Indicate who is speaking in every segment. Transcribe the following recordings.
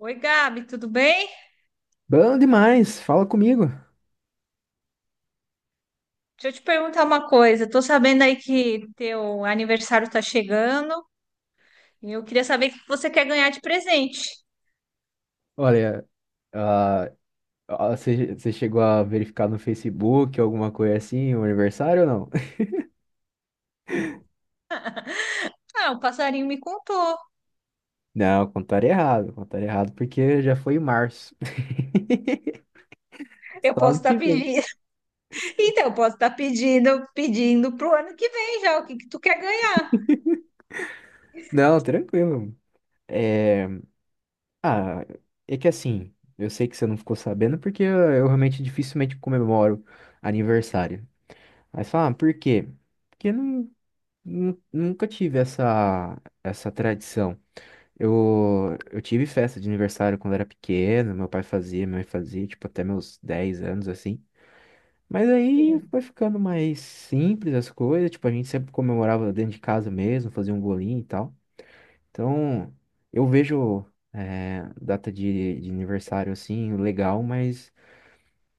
Speaker 1: Oi, Gabi, tudo bem?
Speaker 2: Bom demais, fala comigo.
Speaker 1: Deixa eu te perguntar uma coisa. Tô sabendo aí que teu aniversário tá chegando e eu queria saber o que você quer ganhar de presente.
Speaker 2: Olha, ah, você chegou a verificar no Facebook alguma coisa assim, o aniversário ou não?
Speaker 1: Ah, o passarinho me contou.
Speaker 2: Não, contaram errado porque já foi em março.
Speaker 1: Eu
Speaker 2: Só
Speaker 1: posso
Speaker 2: ano
Speaker 1: estar
Speaker 2: que vem.
Speaker 1: pedindo. Então, eu posso estar pedindo, pedindo pro ano que vem já o que que tu quer ganhar.
Speaker 2: Não, tranquilo. É, ah, É que assim, eu sei que você não ficou sabendo porque eu realmente dificilmente comemoro aniversário. Aí você fala, ah, por quê? Porque não, nunca tive essa tradição. Eu tive festa de aniversário quando era pequeno, meu pai fazia, minha mãe fazia, tipo, até meus 10 anos, assim. Mas aí
Speaker 1: Sim.
Speaker 2: foi ficando mais simples as coisas, tipo, a gente sempre comemorava dentro de casa mesmo, fazia um bolinho e tal. Então, eu vejo, data de aniversário, assim, legal, mas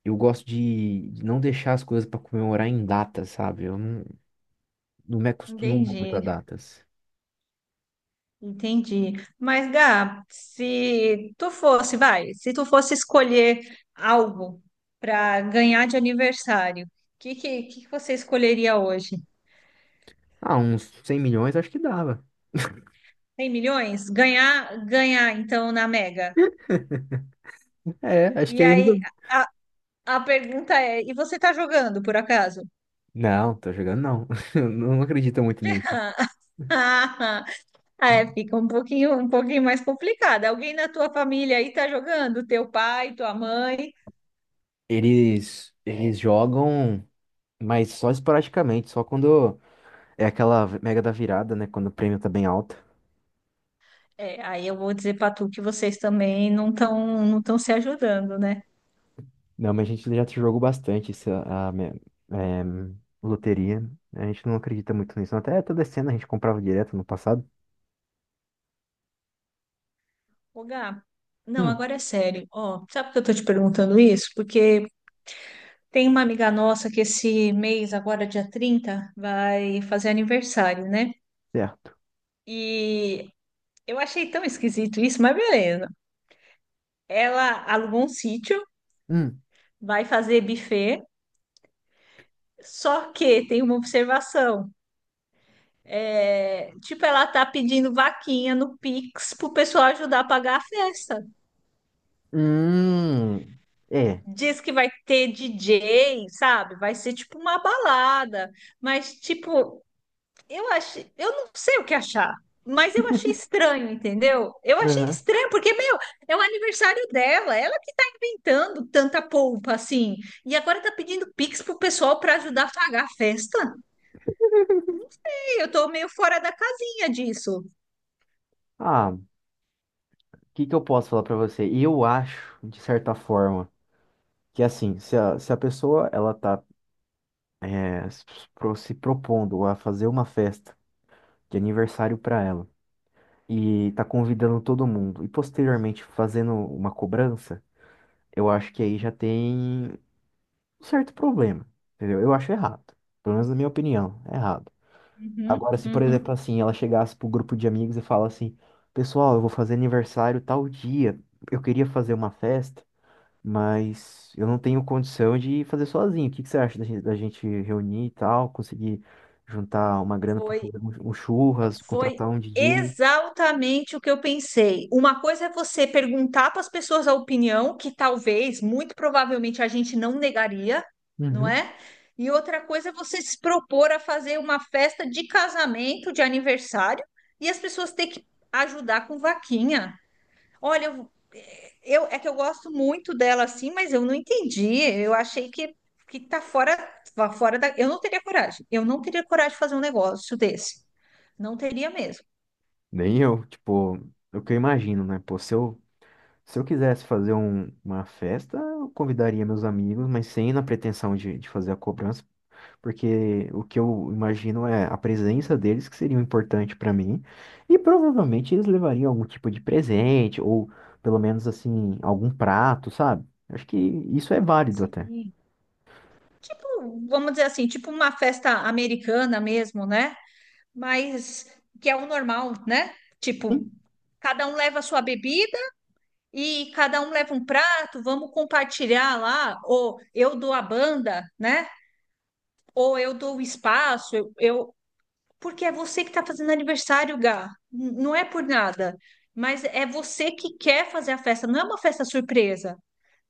Speaker 2: eu gosto de não deixar as coisas pra comemorar em datas, sabe? Eu não, Não me acostumo muito a
Speaker 1: Entendi,
Speaker 2: datas.
Speaker 1: entendi. Mas, Gab, se tu fosse, vai, se tu fosse escolher algo para ganhar de aniversário, o que que você escolheria hoje?
Speaker 2: Ah, uns 100 milhões acho que dava.
Speaker 1: 100 milhões? Ganhar, ganhar, então, na Mega.
Speaker 2: É, acho que
Speaker 1: E
Speaker 2: aí.
Speaker 1: aí, a, a pergunta é, e você tá jogando, por acaso?
Speaker 2: Não, tô jogando não. Eu não acredito muito nisso.
Speaker 1: É, fica um pouquinho mais complicado. Alguém na tua família aí tá jogando? Teu pai, tua mãe?
Speaker 2: Eles jogam, mas só esporadicamente, só quando é aquela mega da virada, né? Quando o prêmio tá bem alto.
Speaker 1: É, aí eu vou dizer pra tu que vocês também não estão se ajudando, né?
Speaker 2: Não, mas a gente já jogou bastante essa, a, me- é, loteria. A gente não acredita muito nisso. Até toda cena a gente comprava direto no passado.
Speaker 1: Ô, Gá, não,
Speaker 2: Hum,
Speaker 1: agora é sério. Ó, sabe por que eu tô te perguntando isso? Porque tem uma amiga nossa que esse mês, agora dia 30 vai fazer aniversário, né?
Speaker 2: certo.
Speaker 1: E eu achei tão esquisito isso, mas beleza. Ela alugou um sítio,
Speaker 2: Hum.
Speaker 1: vai fazer buffet, só que tem uma observação. É, tipo, ela tá pedindo vaquinha no Pix pro pessoal ajudar a pagar a festa.
Speaker 2: Hum. É.
Speaker 1: Diz que vai ter DJ, sabe? Vai ser tipo uma balada, mas tipo, eu achei, eu não sei o que achar, mas eu achei estranho, entendeu? Eu achei
Speaker 2: Aham.
Speaker 1: estranho, porque, meu, é o aniversário dela, ela que tá inventando tanta polpa assim, e agora tá pedindo Pix pro pessoal pra ajudar a pagar a festa. E eu tô meio fora da casinha disso.
Speaker 2: Ah, o que que eu posso falar pra você? Eu acho, de certa forma, que assim, se a pessoa ela tá é, se se propondo a fazer uma festa de aniversário para ela e tá convidando todo mundo e posteriormente fazendo uma cobrança, eu acho que aí já tem um certo problema, entendeu? Eu acho errado, pelo menos na minha opinião, é errado.
Speaker 1: Uhum,
Speaker 2: Agora, se por exemplo
Speaker 1: uhum.
Speaker 2: assim, ela chegasse pro grupo de amigos e fala assim, pessoal, eu vou fazer aniversário tal dia, eu queria fazer uma festa mas eu não tenho condição de fazer sozinho. O que que você acha da gente reunir e tal, conseguir juntar uma grana para
Speaker 1: Foi
Speaker 2: fazer um churras,
Speaker 1: Foi
Speaker 2: contratar um DJ?
Speaker 1: exatamente o que eu pensei. Uma coisa é você perguntar para as pessoas a opinião, que talvez, muito provavelmente, a gente não negaria, não
Speaker 2: Uhum.
Speaker 1: é? E outra coisa é você se propor a fazer uma festa de casamento, de aniversário, e as pessoas ter que ajudar com vaquinha. Olha, eu, é que eu gosto muito dela assim, mas eu não entendi. Eu achei que tá fora da. Eu não teria coragem. Eu não teria coragem de fazer um negócio desse. Não teria mesmo.
Speaker 2: Nem eu, tipo, é o que eu imagino, né? Pô, se eu quisesse fazer uma festa, eu convidaria meus amigos, mas sem na pretensão de fazer a cobrança. Porque o que eu imagino é a presença deles que seria importante para mim, e provavelmente eles levariam algum tipo de presente, ou pelo menos assim, algum prato, sabe? Acho que isso é válido até.
Speaker 1: Sim. Tipo, vamos dizer assim, tipo uma festa americana mesmo, né? Mas que é o normal, né? Tipo,
Speaker 2: Sim.
Speaker 1: cada um leva a sua bebida e cada um leva um prato, vamos compartilhar lá, ou eu dou a banda, né? Ou eu dou o espaço, porque é você que está fazendo aniversário, Gá. Não é por nada, mas é você que quer fazer a festa, não é uma festa surpresa.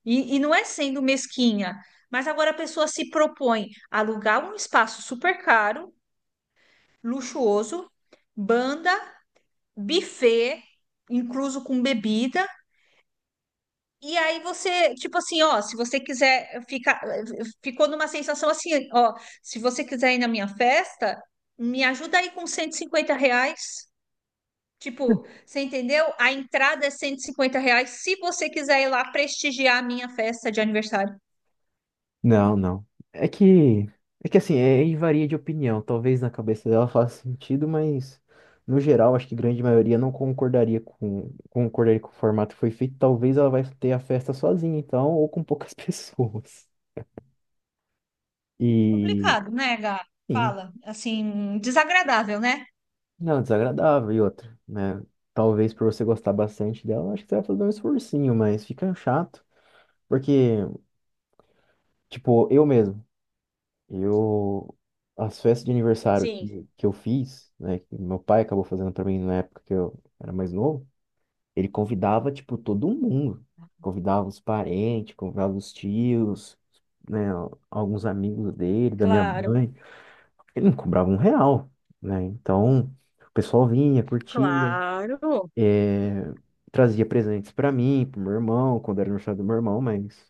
Speaker 1: E não é sendo mesquinha, mas agora a pessoa se propõe a alugar um espaço super caro, luxuoso, banda, buffet, incluso com bebida. E aí você, tipo assim, ó, se você quiser ficar, ficou numa sensação assim, ó, se você quiser ir na minha festa, me ajuda aí com R$ 150. Tipo, você entendeu? A entrada é R$ 150 se você quiser ir lá prestigiar a minha festa de aniversário.
Speaker 2: Não, não. É que É que assim, e varia de opinião. Talvez na cabeça dela faça sentido, mas no geral, acho que grande maioria não concordaria com concordaria com o formato que foi feito. Talvez ela vai ter a festa sozinha, então, ou com poucas pessoas. E,
Speaker 1: Complicado, né, Gá?
Speaker 2: sim.
Speaker 1: Fala, assim, desagradável, né?
Speaker 2: Não, desagradável e outra, né? Talvez por você gostar bastante dela, acho que você vai fazer um esforcinho, mas fica chato. Porque, tipo, eu mesmo, eu. As festas de aniversário
Speaker 1: Sim,
Speaker 2: que eu fiz, né? Que meu pai acabou fazendo pra mim na época que eu era mais novo, ele convidava, tipo, todo mundo. Convidava os parentes, convidava os tios, né? Alguns amigos dele, da minha
Speaker 1: claro,
Speaker 2: mãe. Ele não cobrava um real, né? Então, o pessoal vinha, curtia.
Speaker 1: claro.
Speaker 2: Trazia presentes pra mim, pro meu irmão, quando era no aniversário do meu irmão, mas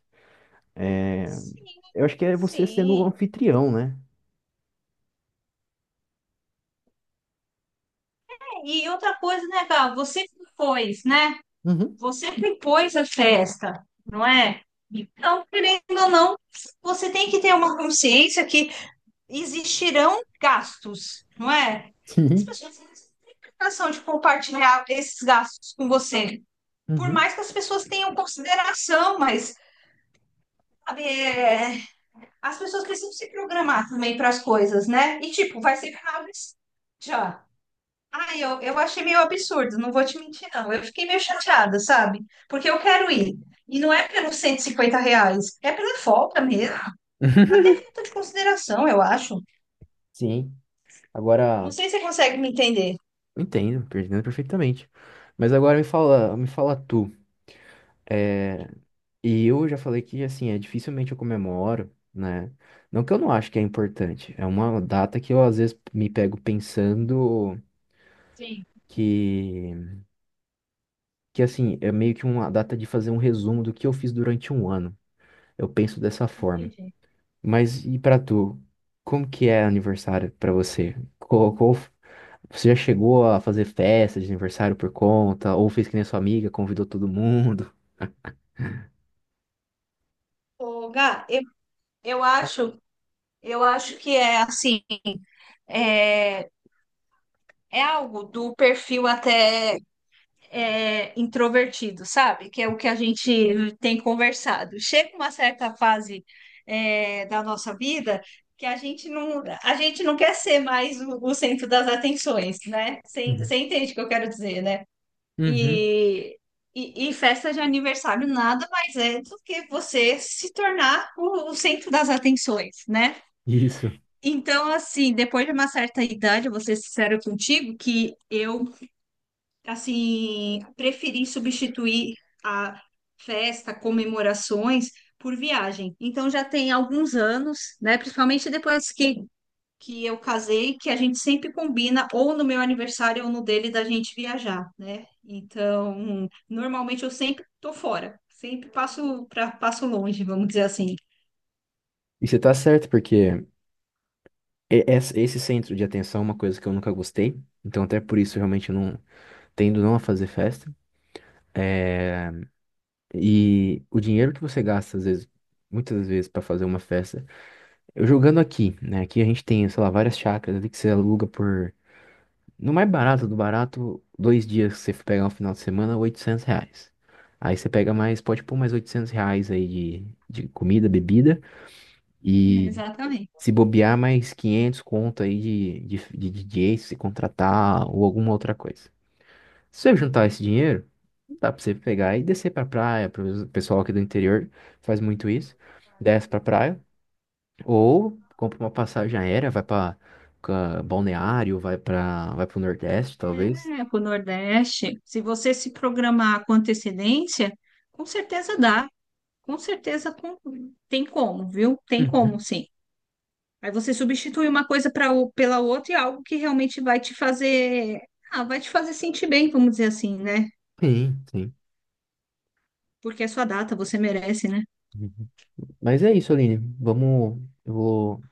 Speaker 1: Sim,
Speaker 2: eu acho que é você sendo o
Speaker 1: sim.
Speaker 2: anfitrião, né?
Speaker 1: E outra coisa, né, Gá? Você que né?
Speaker 2: Uhum,
Speaker 1: Você que pôs a festa, não é? Então, querendo ou não, você tem que ter uma consciência que existirão gastos, não é? As
Speaker 2: sim.
Speaker 1: pessoas não têm obrigação de compartilhar esses gastos com você. Por
Speaker 2: Uhum.
Speaker 1: mais que as pessoas tenham consideração, mas sabe, é, as pessoas precisam se programar também para as coisas, né? E tipo, vai ser final desse- já. Ah, eu achei meio absurdo, não vou te mentir, não. Eu fiquei meio chateada, sabe? Porque eu quero ir. E não é pelos R$ 150, é pela falta mesmo. Tá Até falta de consideração, eu acho.
Speaker 2: Sim.
Speaker 1: Não
Speaker 2: Agora,
Speaker 1: sei se você consegue me entender.
Speaker 2: eu entendo, eu entendo perfeitamente. Mas agora me fala tu. É, e eu já falei que assim, é dificilmente eu comemoro, né? Não que eu não acho que é importante. É uma data que eu às vezes me pego pensando
Speaker 1: Sim,
Speaker 2: que, que assim, é meio que uma data de fazer um resumo do que eu fiz durante 1 ano. Eu penso dessa forma.
Speaker 1: entendi.
Speaker 2: Mas e pra tu? Como que é aniversário pra você? Você já chegou a fazer festa de aniversário por conta? Ou fez que nem a sua amiga, convidou todo mundo?
Speaker 1: Ô, Gá, eu acho, eu acho que é assim, é, é algo do perfil até. Introvertido, sabe? Que é o que a gente tem conversado. Chega uma certa fase, da nossa vida que a gente não quer ser mais o centro das atenções, né? Você
Speaker 2: Uhum.
Speaker 1: você entende o que eu quero dizer, né?
Speaker 2: Uhum.
Speaker 1: E, e festa de aniversário nada mais é do que você se tornar o centro das atenções, né?
Speaker 2: Isso.
Speaker 1: Então, assim, depois de uma certa idade, eu vou ser sincera contigo, que eu assim, preferi substituir a festa, comemorações por viagem. Então já tem alguns anos, né, principalmente depois que eu casei, que a gente sempre combina ou no meu aniversário ou no dele da gente viajar, né? Então, normalmente eu sempre tô fora, sempre passo para passo longe, vamos dizer assim.
Speaker 2: E você tá certo, porque esse centro de atenção é uma coisa que eu nunca gostei. Então, até por isso, eu realmente não tendo não a fazer festa. É, e o dinheiro que você gasta, às vezes, muitas vezes, pra fazer uma festa. Eu jogando aqui, né? Aqui a gente tem, sei lá, várias chácaras ali que você aluga por. No mais barato do barato, dois dias que você for pegar um final de semana, R$ 800. Aí você pega mais, pode pôr mais R$ 800 aí de comida, bebida.
Speaker 1: É,
Speaker 2: E
Speaker 1: exatamente.
Speaker 2: se bobear, mais 500 conto aí de DJ, se contratar ou alguma outra coisa. Se você juntar esse dinheiro, dá pra você pegar e descer pra praia. Pro pessoal aqui do interior faz muito isso. Desce pra praia ou compra uma passagem aérea, vai pra Balneário, vai pro Nordeste, talvez.
Speaker 1: É, para o Nordeste, se você se programar com antecedência, com certeza dá. Com certeza com- tem como, viu? Tem como,
Speaker 2: Uhum.
Speaker 1: sim. Aí você substitui uma coisa para pela outra e algo que realmente vai te fazer, vai te fazer sentir bem, vamos dizer assim, né?
Speaker 2: Sim, sim.
Speaker 1: Porque é sua data, você merece, né?
Speaker 2: Uhum. Mas é isso, Aline.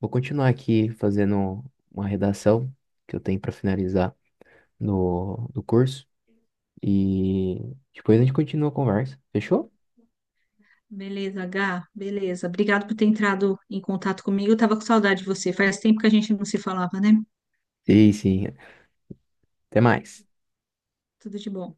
Speaker 2: Vou continuar aqui fazendo uma redação que eu tenho para finalizar no, do curso. E depois a gente continua a conversa. Fechou?
Speaker 1: Beleza, Gá, beleza. Obrigado por ter entrado em contato comigo. Eu tava com saudade de você. Faz tempo que a gente não se falava, né?
Speaker 2: Sim, sim. Até mais.
Speaker 1: Tudo de bom.